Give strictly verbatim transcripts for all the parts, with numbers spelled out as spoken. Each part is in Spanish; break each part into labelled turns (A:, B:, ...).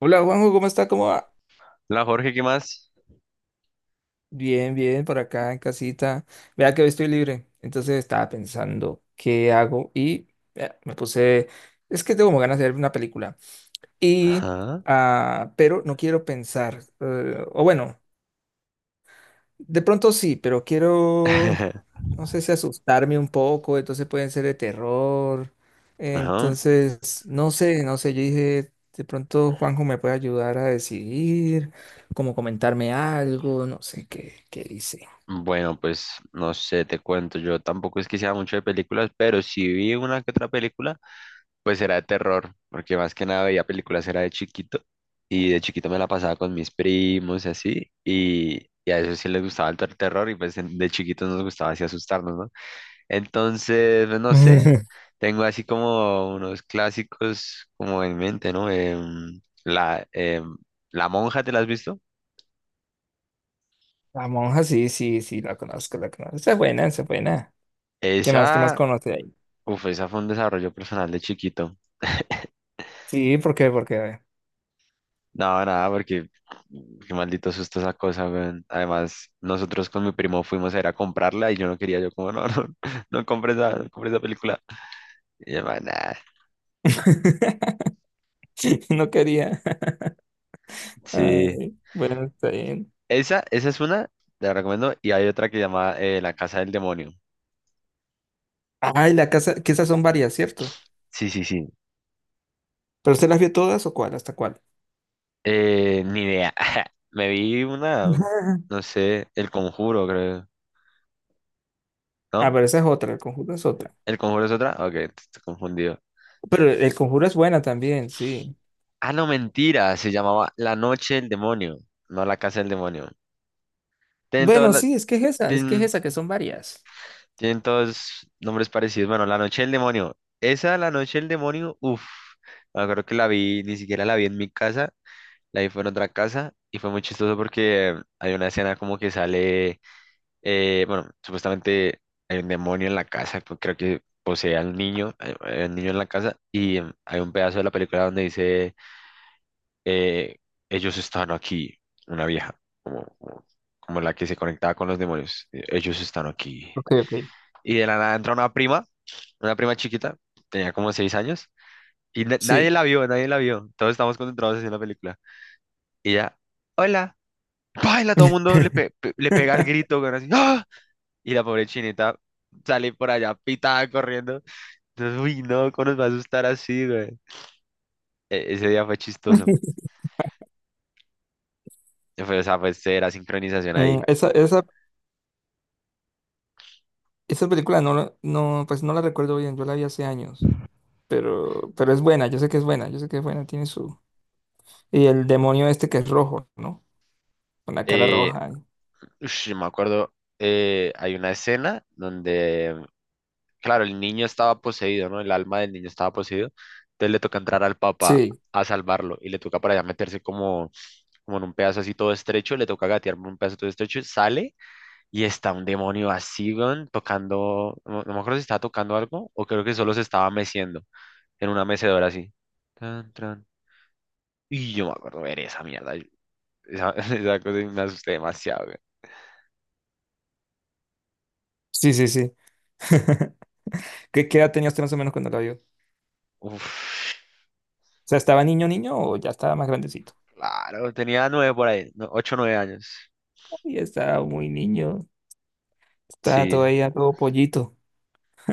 A: Hola Juanjo, ¿cómo está? ¿Cómo va?
B: La Jorge, ¿qué más?
A: Bien, bien, por acá en casita. Vea que hoy estoy libre. Entonces estaba pensando qué hago y eh, me puse, es que tengo como ganas de ver una película. Y,
B: Ajá.
A: ah, pero no quiero pensar, eh, o bueno, de pronto sí, pero quiero, no sé si asustarme un poco, entonces pueden ser de terror.
B: Ajá.
A: Entonces, no sé, no sé, yo dije, de pronto Juanjo me puede ayudar a decidir, como comentarme algo, no sé qué, qué dice.
B: Bueno, pues no sé, te cuento. Yo tampoco es que sea mucho de películas, pero si vi una que otra película, pues era de terror, porque más que nada veía películas era de chiquito y de chiquito me la pasaba con mis primos y, así, y, y a eso sí les gustaba el ter- terror y pues en- de chiquitos nos gustaba así asustarnos, ¿no? Entonces, pues, no sé, tengo así como unos clásicos como en mente, ¿no? Em, la, em, la monja, ¿te la has visto?
A: La monja, sí, sí, sí, la conozco, la conozco. Esa es buena, esa es buena. ¿Qué más, qué más
B: Esa,
A: conoce ahí?
B: uf, esa fue un desarrollo personal de chiquito.
A: Sí, ¿por qué? Porque a ver.
B: No, nada, porque qué maldito susto esa cosa, weón. Además, nosotros con mi primo fuimos a ir a comprarla y yo no quería, yo como, no, no, no compres esa, no compre esa película. Y yo, "Man, nah".
A: No quería.
B: Sí.
A: Ay, bueno, está bien.
B: Esa, esa es una, te la recomiendo, y hay otra que se llama eh, La Casa del Demonio.
A: Ay, la casa, que esas son varias, ¿cierto?
B: Sí, sí, sí.
A: ¿Pero usted las vio todas o cuál? ¿Hasta cuál?
B: Eh, ni idea. Me vi una, no sé, El Conjuro, creo,
A: Ah,
B: ¿no?
A: pero esa es otra, el conjuro es otra.
B: ¿El Conjuro es otra? Ok, estoy confundido.
A: Pero el conjuro es buena también, sí.
B: Ah, no, mentira, se llamaba La Noche del Demonio, no La Casa del Demonio. Tienen todos,
A: Bueno,
B: la-
A: sí, es que es esa, es que es
B: tienen,
A: esa, que son varias.
B: tienen todos nombres parecidos. Bueno, La Noche del Demonio. Esa, La Noche del Demonio, uff, me acuerdo que la vi, ni siquiera la vi en mi casa, la vi fue en otra casa y fue muy chistoso porque hay una escena como que sale, eh, bueno, supuestamente hay un demonio en la casa, pues, creo que posee al niño, hay hay un niño en la casa y em, hay un pedazo de la película donde dice. eh, Ellos están aquí, una vieja, como, como, como la que se conectaba con los demonios, eh, ellos están aquí.
A: Ok, ok.
B: Y de la nada entra una prima, una prima chiquita, tenía como seis años, y na- nadie
A: Sí.
B: la vio, nadie la vio, todos estábamos concentrados en la película. Y ella, hola, baila, todo el mundo le, pe- pe- le pega el grito, güey, así, ¡ah! Y la pobre chinita sale por allá pitada corriendo. Entonces, uy, no, ¿cómo nos va a asustar así, güey? E- ese día fue chistoso. Fue, o sea, pues era sincronización ahí.
A: Mm, Esa, esa, esa película no, la- no, pues no la recuerdo bien, yo la vi hace años, pero, pero es buena, yo sé que es buena, yo sé que es buena, tiene su... Y el demonio este que es rojo, ¿no? Con la cara
B: Eh,
A: roja. y-
B: Ush, me acuerdo, eh, hay una escena donde, claro, el niño estaba poseído, ¿no? El alma del niño estaba poseído. Entonces le toca entrar al, papá
A: Sí,
B: a salvarlo y le toca para allá meterse como, como en un pedazo así todo estrecho, le toca gatear por un pedazo todo estrecho, sale y está un demonio así, weón, tocando, no, no me acuerdo si estaba tocando algo o creo que solo se estaba meciendo en una mecedora así. Tan, tran. Y yo me acuerdo ver esa mierda, yo- esa, esa cosa y me asusté demasiado, weón.
A: sí, sí, sí. ¿Qué, qué edad tenía usted más o menos cuando la vio? O
B: Uf.
A: sea, ¿estaba niño, niño o ya estaba más grandecito?
B: Claro, tenía nueve por ahí, no, ocho, nueve años.
A: Y estaba muy niño, estaba
B: Sí,
A: todavía todo pollito.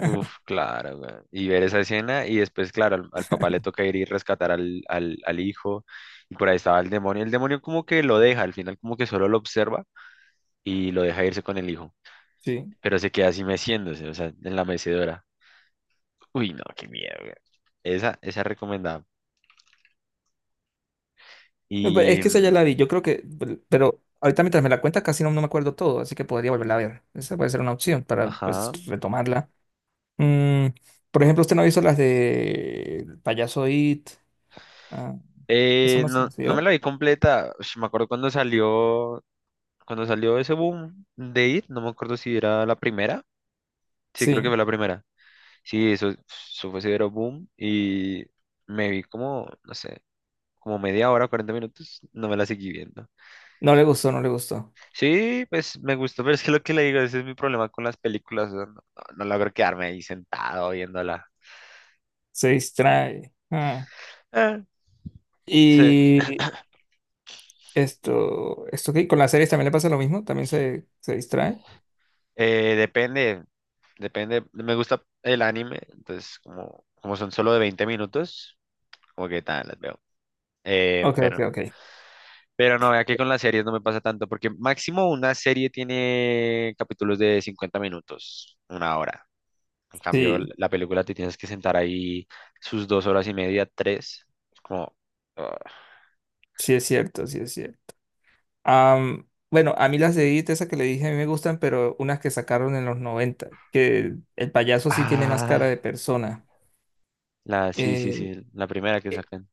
B: uf, claro, weón. Y ver esa escena y después, claro, al, al papá le toca ir y rescatar al, al, al hijo y por ahí estaba el demonio. El demonio como que lo deja, al final como que solo lo observa y lo deja irse con el hijo,
A: Sí.
B: pero se queda así meciéndose, o sea, en la mecedora. Uy, no, qué miedo, weón. Esa, esa es recomendada.
A: No, pero es
B: Y,
A: que esa ya la vi,
B: mm,
A: yo creo que, pero ahorita mientras me la cuentas casi no, no me acuerdo todo, así que podría volverla a ver. Esa puede ser una opción para pues
B: ajá.
A: retomarla. Mm, por ejemplo, usted no hizo las de El Payaso It. Ah, esa
B: Eh,
A: no se
B: no,
A: las
B: no me
A: vio.
B: la vi completa. Ush, me acuerdo cuando salió. Cuando salió ese boom de I T, no me acuerdo si era la primera. Sí, creo que
A: Sí,
B: fue la primera. Sí, eso, eso fue severo boom y me vi como, no sé, como media hora, cuarenta minutos, no me la seguí viendo.
A: no le gustó, no le gustó.
B: Sí, pues me gustó, pero es que lo que le digo, ese es mi problema con las películas, o sea, no, no no logro quedarme ahí sentado viéndola.
A: Se distrae. Ah.
B: Eh, sí,
A: Y esto, esto que con las series también le pasa lo mismo, también se, se distrae.
B: eh, depende, depende, me gusta el anime, entonces como, como son solo de veinte minutos, como que tal, las veo. Eh,
A: Ok, ok,
B: pero
A: ok.
B: Pero no, vea que con las series no me pasa tanto, porque máximo una serie tiene capítulos de cincuenta minutos, una hora. En cambio, l-
A: Sí.
B: la película te tienes que sentar ahí sus dos horas y media, tres. Es como, ah,
A: Sí es cierto, sí es cierto. Am, bueno, a mí las de Edith, esas que le dije, a mí me gustan, pero unas que sacaron en los noventa que el payaso sí tiene más cara
B: ah,
A: de persona.
B: la, sí, sí,
A: Eh,
B: sí, la primera que
A: e-
B: sacan.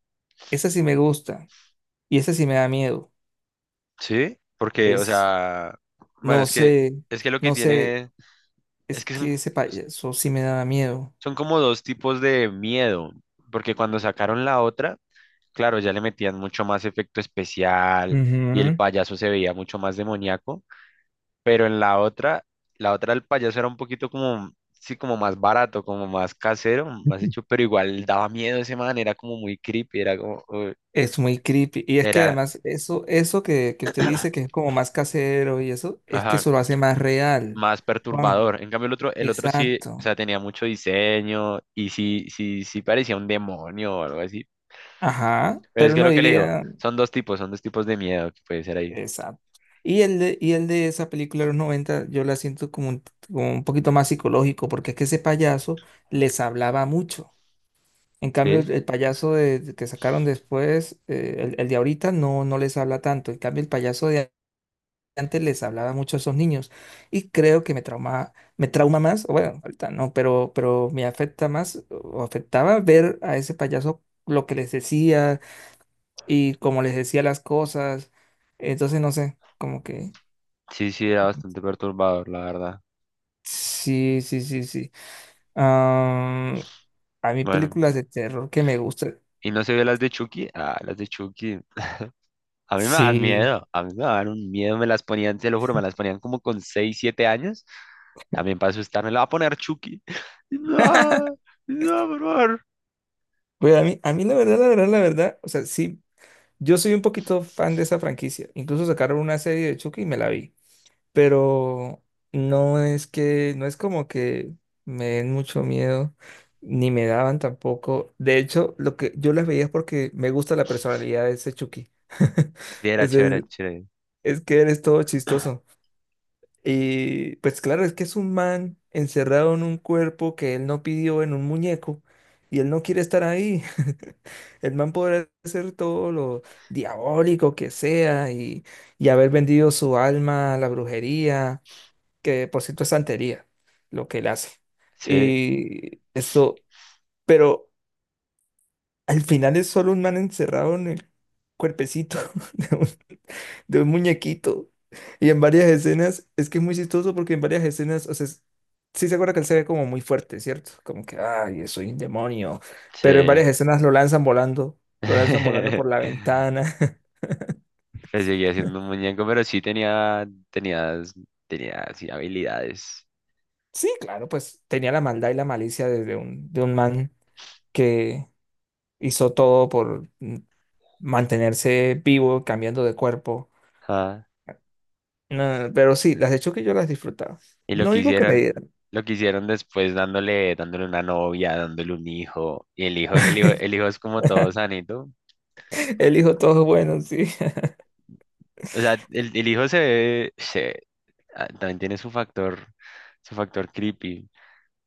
A: esa sí me gusta y esa sí me da miedo.
B: Sí, porque, o
A: Es,
B: sea, bueno,
A: no
B: es que,
A: sé,
B: es que lo que
A: no sé,
B: tiene,
A: es
B: es que son,
A: que ese payaso sí me da miedo.
B: son como dos tipos de miedo, porque cuando sacaron la otra. Claro, ya le metían mucho más efecto especial y el
A: Ujú.
B: payaso se veía mucho más demoníaco, pero en la otra, la otra el payaso era un poquito como, sí, como más barato, como más casero, más hecho, pero igual daba miedo ese man, era como muy creepy, era como, uy,
A: Es muy creepy. Y es que
B: era,
A: además eso, eso que, que usted dice que es como más casero y eso, es que
B: ajá,
A: eso lo hace más real.
B: más
A: Juan,
B: perturbador. En cambio el otro, el otro sí, o
A: exacto.
B: sea, tenía mucho diseño y sí, sí, sí parecía un demonio o algo así.
A: Ajá,
B: Pero es
A: pero
B: que
A: uno
B: lo que le digo,
A: diría,
B: son dos tipos, son dos tipos de miedo que puede ser ahí.
A: exacto. Y el de, y el de esa película de los noventa, yo la siento como un, como un, poquito más psicológico, porque es que ese payaso les hablaba mucho. En cambio,
B: Sí,
A: el el payaso de- de que sacaron después, eh, el, el de ahorita, no, no les habla tanto. En cambio, el payaso de antes les hablaba mucho a esos niños. Y creo que me trauma, me trauma más, o bueno, ahorita no, pero, pero me afecta más o afectaba ver a ese payaso lo que les decía y como les decía las cosas. Entonces, no sé, como que...
B: sí, sí, era bastante perturbador, la verdad.
A: Sí, sí, sí, sí. Am, a mí
B: Bueno,
A: películas de terror que me gustan.
B: y no se vio las de Chucky. Ah, las de Chucky. A mí me dan
A: Sí.
B: miedo, a mí me dan un miedo, me las ponían, te lo juro, me las ponían como con seis siete años, también para asustarme, la va a poner Chucky. No, no, por favor.
A: Pues a mí, a mí la verdad, la verdad, la verdad, o sea, sí, yo soy un poquito fan de esa franquicia. Incluso sacaron una serie de Chucky y me la vi. Pero no es que, no es como que me den mucho miedo, ni me daban tampoco. De hecho, lo que yo las veía es porque me gusta la personalidad de ese Chucky.
B: Sí, era chévere,
A: Ese-
B: chévere.
A: es que eres todo chistoso. Y pues claro, es que es un man encerrado en un cuerpo que él no pidió en un muñeco. Y él no quiere estar ahí. El man podrá hacer todo lo diabólico que sea y, y haber vendido su alma a la brujería que por cierto es santería lo que él hace.
B: Sí,
A: Y esto, pero al final es solo un man encerrado en el cuerpecito de un, de un muñequito. Y en varias escenas, es que es muy chistoso porque en varias escenas, o sea, es- sí se acuerda que él se ve como muy fuerte, ¿cierto? Como que, ay, soy un demonio. Pero en
B: sí.
A: varias escenas lo lanzan volando, lo lanzan volando por la ventana.
B: Pero seguía siendo un muñeco, pero sí tenía, tenía, tenía, sí, habilidades.
A: Sí, claro, pues tenía la maldad y la malicia de, de un, de un man que hizo todo por, mantenerse vivo, cambiando de cuerpo. No, pero sí, las de Chucky yo las disfrutaba.
B: Y lo
A: No
B: que
A: digo que me
B: hicieron,
A: dieran.
B: lo que hicieron después dándole, dándole una novia, dándole un hijo, y el hijo, el hijo, el hijo es como todo sanito.
A: El hijo todo bueno, sí.
B: O sea, el, el hijo se ve, se, ah, también tiene su factor, su factor creepy.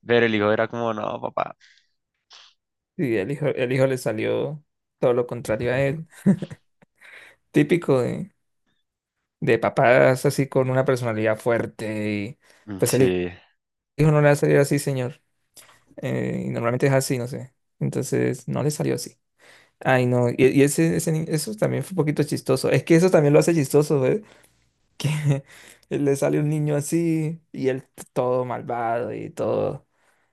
B: Pero el hijo era como, no, papá.
A: Sí, el hijo, el hijo le salió todo lo contrario a él. Típico de, de papás así con una personalidad fuerte y
B: Mm,
A: pues el
B: sí.
A: hijo no le va a salir así, señor. Eh, y normalmente es así, no sé. Entonces no le salió así. Ay, no. Y, y ese, ese ni- eso también fue un poquito chistoso. Es que eso también lo hace chistoso, que le sale un niño así y él t- todo malvado y todo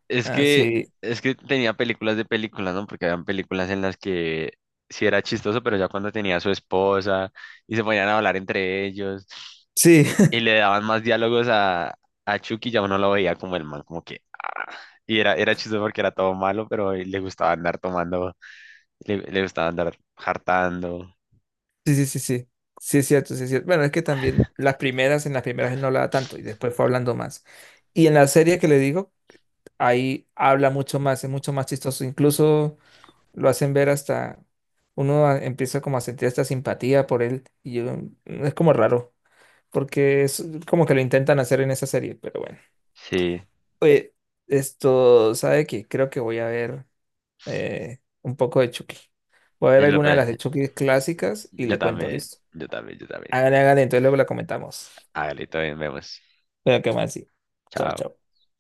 B: Es que,
A: así.
B: es que tenía películas de películas, ¿no? Porque habían películas en las que sí era chistoso, pero ya cuando tenía a su esposa y se ponían a hablar entre ellos
A: Sí,
B: y, y le daban más diálogos a, a Chucky, ya uno lo veía como el mal, como que... ah. Y era, era chistoso porque era todo malo, pero le gustaba andar tomando, le, le gustaba andar hartando.
A: sí, sí, sí, sí. Sí es cierto, sí es cierto. Bueno, es que también las primeras, en las primeras él no hablaba tanto y después fue hablando más. Y en la serie que le digo, ahí habla mucho más, es mucho más chistoso. Incluso lo hacen ver hasta, uno a- empieza como a sentir esta simpatía por él y yo- mm, es como raro, porque es como que lo intentan hacer en esa serie, pero bueno.
B: Sí,
A: Oye, esto, ¿sabe qué? Creo que voy a ver eh, un poco de Chucky. Voy a ver
B: y lo
A: alguna de
B: pe-
A: las de Chucky clásicas y
B: yo
A: le cuento,
B: también,
A: listo.
B: yo también, yo también.
A: Hágale, hágale, entonces luego la comentamos.
B: Hágale, todavía vemos.
A: Pero qué más, sí. Chao,
B: Chao.
A: chao.